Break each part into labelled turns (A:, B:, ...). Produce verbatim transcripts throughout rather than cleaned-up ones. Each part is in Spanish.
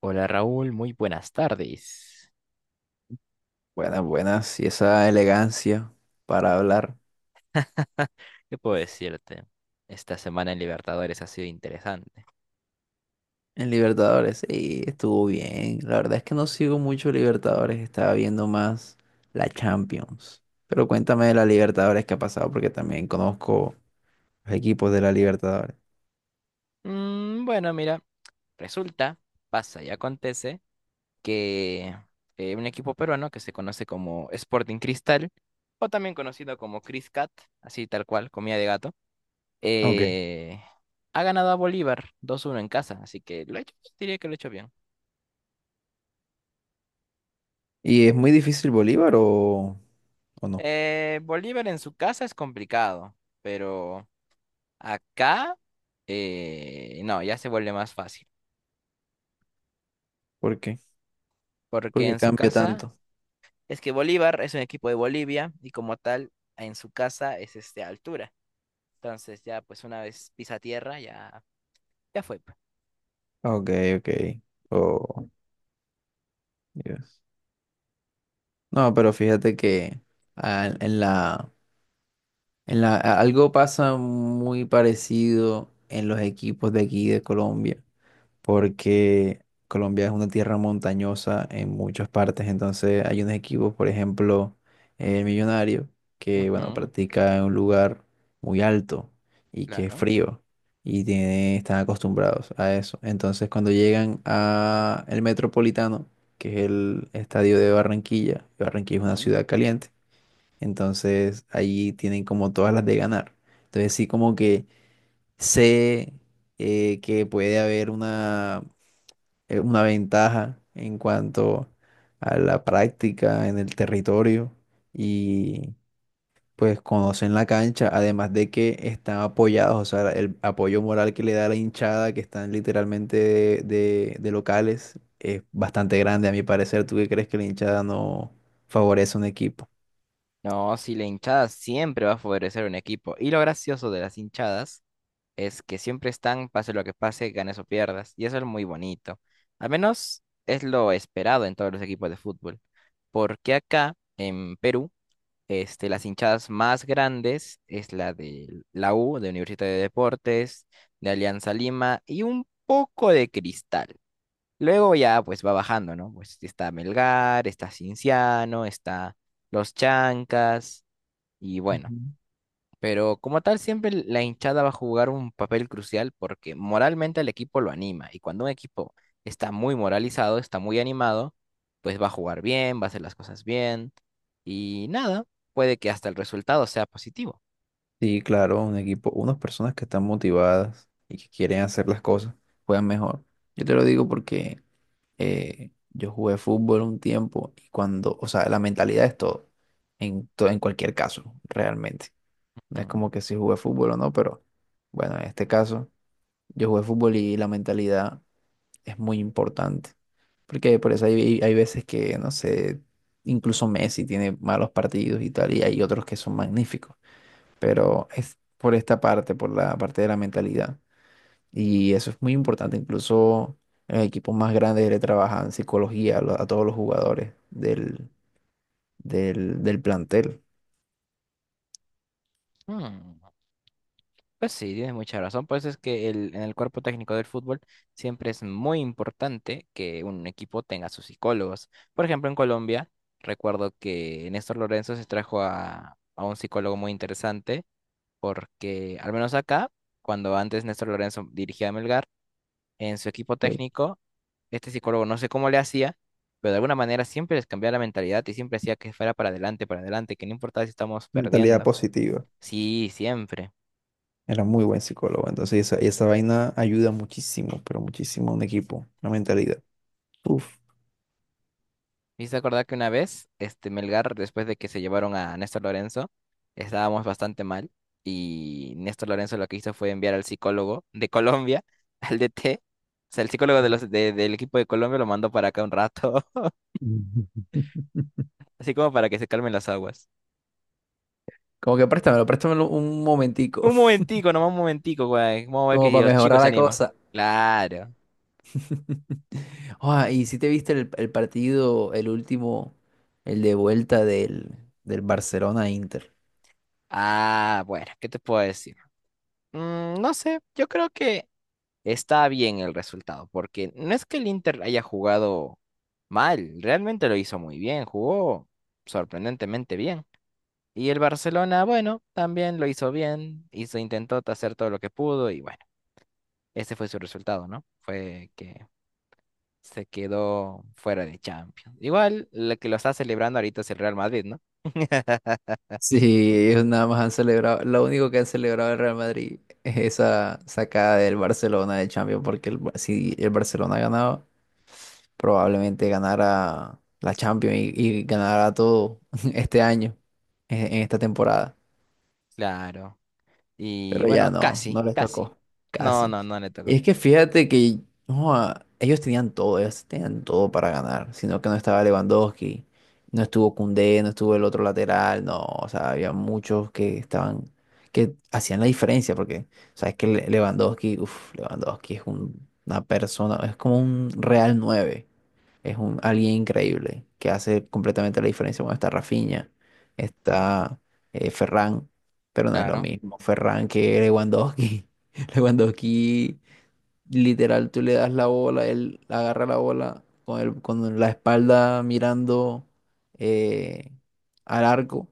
A: Hola Raúl, muy buenas tardes.
B: Buenas, buenas. Y esa elegancia para hablar
A: ¿Qué puedo decirte? Esta semana en Libertadores ha sido interesante.
B: en Libertadores. Sí, estuvo bien. La verdad es que no sigo mucho Libertadores. Estaba viendo más la Champions. Pero cuéntame de la Libertadores que ha pasado porque también conozco los equipos de la Libertadores.
A: Mm, bueno, mira, resulta, pasa y acontece que eh, un equipo peruano que se conoce como Sporting Cristal, o también conocido como Cris Cat, así tal cual, comida de gato,
B: Ok.
A: eh, ha ganado a Bolívar dos a uno en casa, así que lo he hecho, diría que lo he hecho bien.
B: ¿Y es muy difícil Bolívar o, o no?
A: Eh, Bolívar en su casa es complicado, pero... Acá, eh, no, ya se vuelve más fácil,
B: ¿Por qué?
A: porque
B: Porque
A: en su
B: cambia
A: casa,
B: tanto.
A: es que Bolívar es un equipo de Bolivia y como tal, en su casa es este altura. Entonces ya, pues una vez pisa tierra, ya, ya fue, pues.
B: Ok, ok. Oh, Dios. No, pero fíjate que ah, en la En la, a- algo pasa muy parecido en los equipos de aquí de Colombia, porque Colombia es una tierra montañosa en muchas partes, entonces hay unos equipos, por ejemplo, el Millonario, que bueno,
A: Ujú,
B: practica en un lugar muy alto y que es
A: claro.
B: frío y tiene, están acostumbrados a eso. Entonces cuando llegan a el Metropolitano, que es el estadio de Barranquilla, y Barranquilla es una
A: Ujú.
B: ciudad caliente, entonces ahí tienen como todas las de ganar. Entonces sí como que sé eh, que puede haber una, eh, una ventaja en cuanto a la práctica en el territorio y pues conocen la cancha, además de que están apoyados, o sea, el apoyo moral que le da la hinchada, que están literalmente de, de- de locales, es bastante grande a mi parecer. ¿Tú qué crees que la hinchada no favorece a un equipo?
A: No, si la hinchada siempre va a favorecer un equipo. Y lo gracioso de las hinchadas es que siempre están, pase lo que pase, ganes o pierdas. Y eso es muy bonito. Al menos es lo esperado en todos los equipos de fútbol. Porque acá, en Perú, este, las hinchadas más grandes es la de la U, de Universidad de Deportes, de Alianza Lima y un poco de Cristal. Luego ya pues va bajando, ¿no? Pues está Melgar, está Cinciano, está Los Chancas y bueno. Pero como tal, siempre la hinchada va a jugar un papel crucial porque moralmente el equipo lo anima. Y cuando un equipo está muy moralizado, está muy animado, pues va a jugar bien, va a hacer las cosas bien. Y nada, puede que hasta el resultado sea positivo.
B: Sí, claro, un equipo, unas personas que están motivadas y que quieren hacer las cosas, juegan mejor. Yo te lo digo porque eh, yo jugué fútbol un tiempo y cuando, o sea, la mentalidad es todo, en, to- en cualquier caso, realmente. No es como que si jugué fútbol o no, pero bueno, en este caso, yo jugué fútbol y la mentalidad es muy importante. Porque por eso hay, hay veces que, no sé, incluso Messi tiene malos partidos y tal, y hay otros que son magníficos pero es por esta parte, por la parte de la mentalidad. Y eso es muy importante, incluso en equipos más grandes le trabajan psicología a, lo- a todos los jugadores del, del, del plantel.
A: Ujú. Pues sí, tienes mucha razón. Pues es que el, en el cuerpo técnico del fútbol siempre es muy importante que un equipo tenga sus psicólogos. Por ejemplo, en Colombia, recuerdo que Néstor Lorenzo se trajo a, a un psicólogo muy interesante porque al menos acá, cuando antes Néstor Lorenzo dirigía a Melgar, en su equipo
B: Ok.
A: técnico, este psicólogo no sé cómo le hacía, pero de alguna manera siempre les cambiaba la mentalidad y siempre hacía que fuera para adelante, para adelante, que no importaba si estamos
B: Mentalidad
A: perdiendo.
B: positiva.
A: Sí, siempre.
B: Era muy buen psicólogo. Entonces, esa, esa vaina ayuda muchísimo, pero muchísimo a un equipo, la mentalidad. Uf.
A: Me hice acordar que una vez, este Melgar, después de que se llevaron a Néstor Lorenzo, estábamos bastante mal y Néstor Lorenzo lo que hizo fue enviar al psicólogo de Colombia, al D T, o sea, el psicólogo de los, de- del equipo de Colombia lo mandó para acá un rato. Así como para que se calmen las aguas.
B: Como que préstamelo, préstamelo un momentico,
A: Un momentico, nomás un momentico, güey. Vamos a ver que
B: como
A: si
B: para
A: los
B: mejorar
A: chicos se
B: la
A: animan.
B: cosa.
A: Claro.
B: Ah, y si te viste el, el partido, el último, el de vuelta del, del Barcelona-Inter.
A: Ah, bueno, ¿qué te puedo decir? Mm, no sé, yo creo que está bien el resultado, porque no es que el Inter haya jugado mal, realmente lo hizo muy bien, jugó sorprendentemente bien. Y el Barcelona, bueno, también lo hizo bien, hizo, intentó hacer todo lo que pudo y bueno, ese fue su resultado, ¿no? Fue que se quedó fuera de Champions. Igual, lo que lo está celebrando ahorita es el Real Madrid, ¿no?
B: Sí, ellos nada más han celebrado, lo único que han celebrado el Real Madrid es esa sacada del Barcelona de Champions, porque el Bar- si el Barcelona ganaba, probablemente ganara la Champions y, y ganara todo este año, en en esta temporada.
A: Claro. Y
B: Pero ya
A: bueno,
B: no, no
A: casi,
B: les
A: casi.
B: tocó,
A: No,
B: casi.
A: no, no le
B: Y
A: tocó.
B: es que fíjate que joa, ellos tenían todo, ellos tenían todo para ganar, sino que no estaba Lewandowski, no estuvo Koundé, no estuvo el otro lateral, no, o sea, había muchos que estaban, que hacían la diferencia, porque sabes que Le- Lewandowski, uff, Lewandowski es un- una persona, es como un Real nueve es un, alguien increíble que hace completamente la diferencia. Bueno, está Rafinha, está eh, Ferran, pero no es lo
A: Claro.
B: mismo Ferran que Lewandowski. Lewandowski, literal, tú le das la bola, él agarra la bola con, el, con la espalda mirando eh, al arco,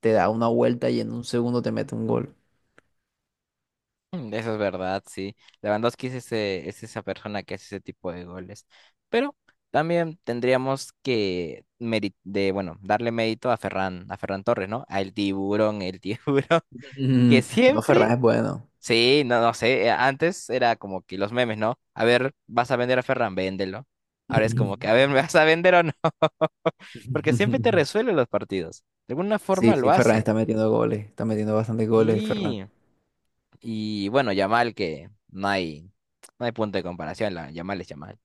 B: te da una vuelta y en un segundo te mete un gol.
A: Mm, eso es verdad, sí. Lewandowski es ese, es esa persona que hace ese tipo de goles. Pero también tendríamos que meri- de, bueno, darle mérito a Ferran, a Ferran Torres, ¿no? Al tiburón, el tiburón, que
B: Mm. No, Ferran
A: siempre...
B: es bueno.
A: Sí, no, no sé. eh, Antes era como que los memes, ¿no? A ver, ¿vas a vender a Ferran? Véndelo. Ahora es como que, a ver, ¿me vas a vender o no? Porque siempre te resuelve los partidos. De alguna forma
B: Sí,
A: lo
B: sí, Ferran
A: hace.
B: está metiendo goles, está metiendo bastantes goles, Ferran.
A: Sí. Y bueno, Yamal, que no hay, no hay punto de comparación. La, Yamal es Yamal.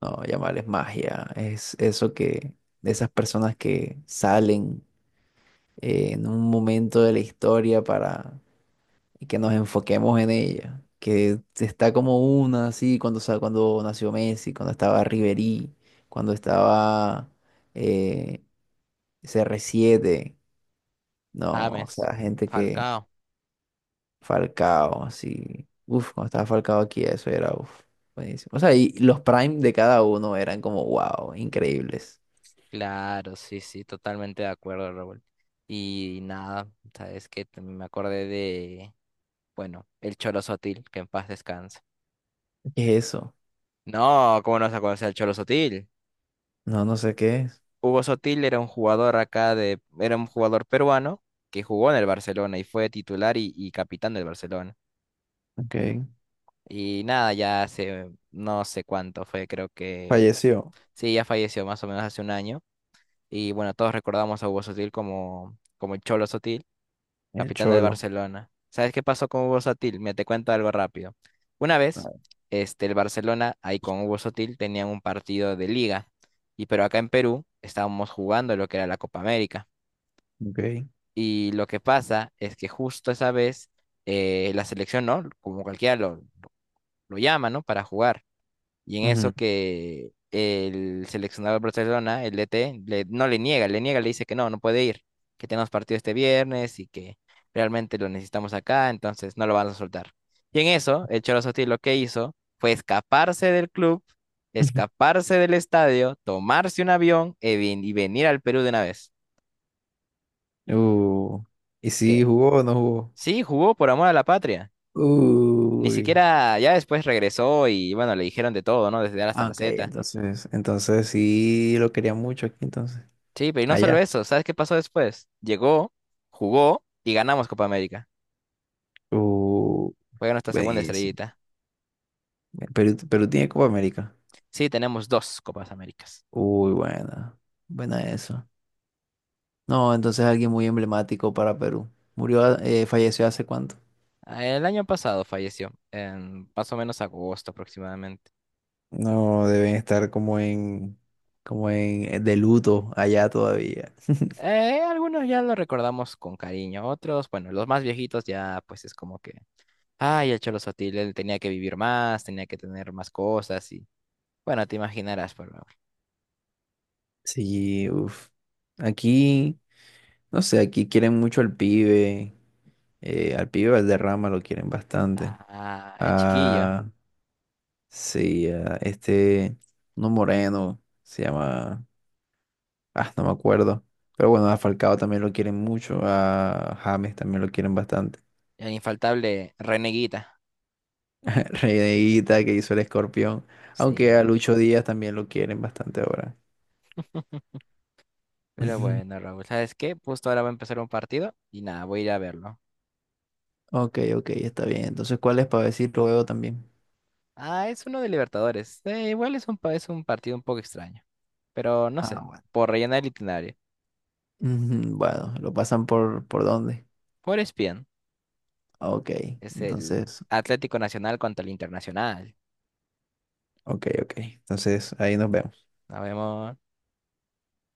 B: No, llamarles magia. Es eso que, de esas personas que salen eh, en un momento de la historia para que nos enfoquemos en ella. Que está como una, así, cuando, sa- cuando nació Messi, cuando estaba Ribery, cuando estaba eh, C R siete. No, o
A: James,
B: sea, gente que
A: Falcao.
B: Falcao, así. Uf, cuando estaba Falcao aquí, eso era, uf, buenísimo. O sea, y los prime de cada uno eran como, wow, increíbles.
A: Claro, sí, sí, totalmente de acuerdo, Raúl. Y nada, sabes que me acordé de, bueno, el Cholo Sotil, que en paz descanse.
B: ¿Qué es eso?
A: No, ¿cómo no vas a conocer al Cholo Sotil?
B: No, no sé qué es.
A: Hugo Sotil era un jugador acá de, era un jugador peruano que jugó en el Barcelona y fue titular y, y capitán del Barcelona.
B: Ok.
A: Y nada, ya hace no sé cuánto fue, creo que
B: Falleció
A: sí, ya falleció más o menos hace un año. Y bueno, todos recordamos a Hugo Sotil como, como el Cholo Sotil,
B: el
A: capitán del
B: Cholo.
A: Barcelona. ¿Sabes qué pasó con Hugo Sotil? Me te cuento algo rápido. Una vez,
B: Ah,
A: este, el Barcelona ahí con Hugo Sotil tenían un partido de liga, y pero acá en Perú estábamos jugando lo que era la Copa América.
B: ok.
A: Y lo que pasa es que justo esa vez eh, la selección, ¿no? Como cualquiera lo, lo llama, ¿no? Para jugar. Y en eso
B: Ujú.
A: que el seleccionador de Barcelona, el D T, le- no le niega, le niega, le dice que no, no puede ir, que tenemos partido este viernes y que realmente lo necesitamos acá, entonces no lo van a soltar. Y en eso, el Cholo Sotil lo que hizo fue escaparse del club, escaparse del estadio, tomarse un avión y, ven- y venir al Perú de una vez.
B: Uh, ¿y si
A: Que
B: jugó o no jugó?
A: sí, jugó por amor a la patria. Ni
B: Uy.
A: siquiera, ya después regresó y bueno, le dijeron de todo, ¿no? Desde A hasta
B: Ah,
A: la
B: ok,
A: Z.
B: entonces. Entonces, sí lo quería mucho aquí entonces.
A: Sí, pero y no solo
B: Allá.
A: eso, ¿sabes qué pasó después? Llegó, jugó y ganamos Copa América.
B: Uh,
A: Fue nuestra segunda
B: buenísimo.
A: estrellita.
B: Perú, Perú tiene Copa América.
A: Sí, tenemos dos Copas Américas.
B: Uy, buena. Buena eso. No, entonces alguien muy emblemático para Perú. Murió, eh, falleció hace cuánto.
A: Ah, el año pasado falleció, en más o menos agosto aproximadamente.
B: No, deben estar como en, como en de luto allá todavía.
A: Eh, algunos ya lo recordamos con cariño, otros, bueno, los más viejitos ya pues es como que, ay, el Cholo Sotil, él tenía que vivir más, tenía que tener más cosas y bueno, te imaginarás, pero...
B: Sí, uff. Aquí, no sé, aquí quieren mucho al pibe. Eh, al pibe Valderrama lo quieren bastante.
A: Ah, el chiquillo.
B: Ah, sí, a este, no moreno, se llama, ah, no me acuerdo. Pero bueno, a Falcao también lo quieren mucho, a James también lo quieren bastante.
A: El infaltable Reneguita.
B: Reneguita que hizo el escorpión, aunque a
A: Sí.
B: Lucho Díaz también lo quieren bastante ahora.
A: Pero bueno, Raúl, ¿sabes qué? Justo ahora va a empezar un partido y nada, voy a ir a verlo.
B: Ok, ok, está bien. Entonces, ¿cuál es para decir luego también?
A: Ah, es uno de Libertadores. Eh, igual es un, pa- es un partido un poco extraño. Pero no sé,
B: Ah, bueno.
A: por rellenar el itinerario.
B: Ujú, bueno, ¿lo pasan por, por dónde?
A: Por E S P N
B: Ok,
A: es el
B: entonces,
A: Atlético Nacional contra el Internacional.
B: ok, ok. Entonces, ahí nos vemos.
A: Nos vemos.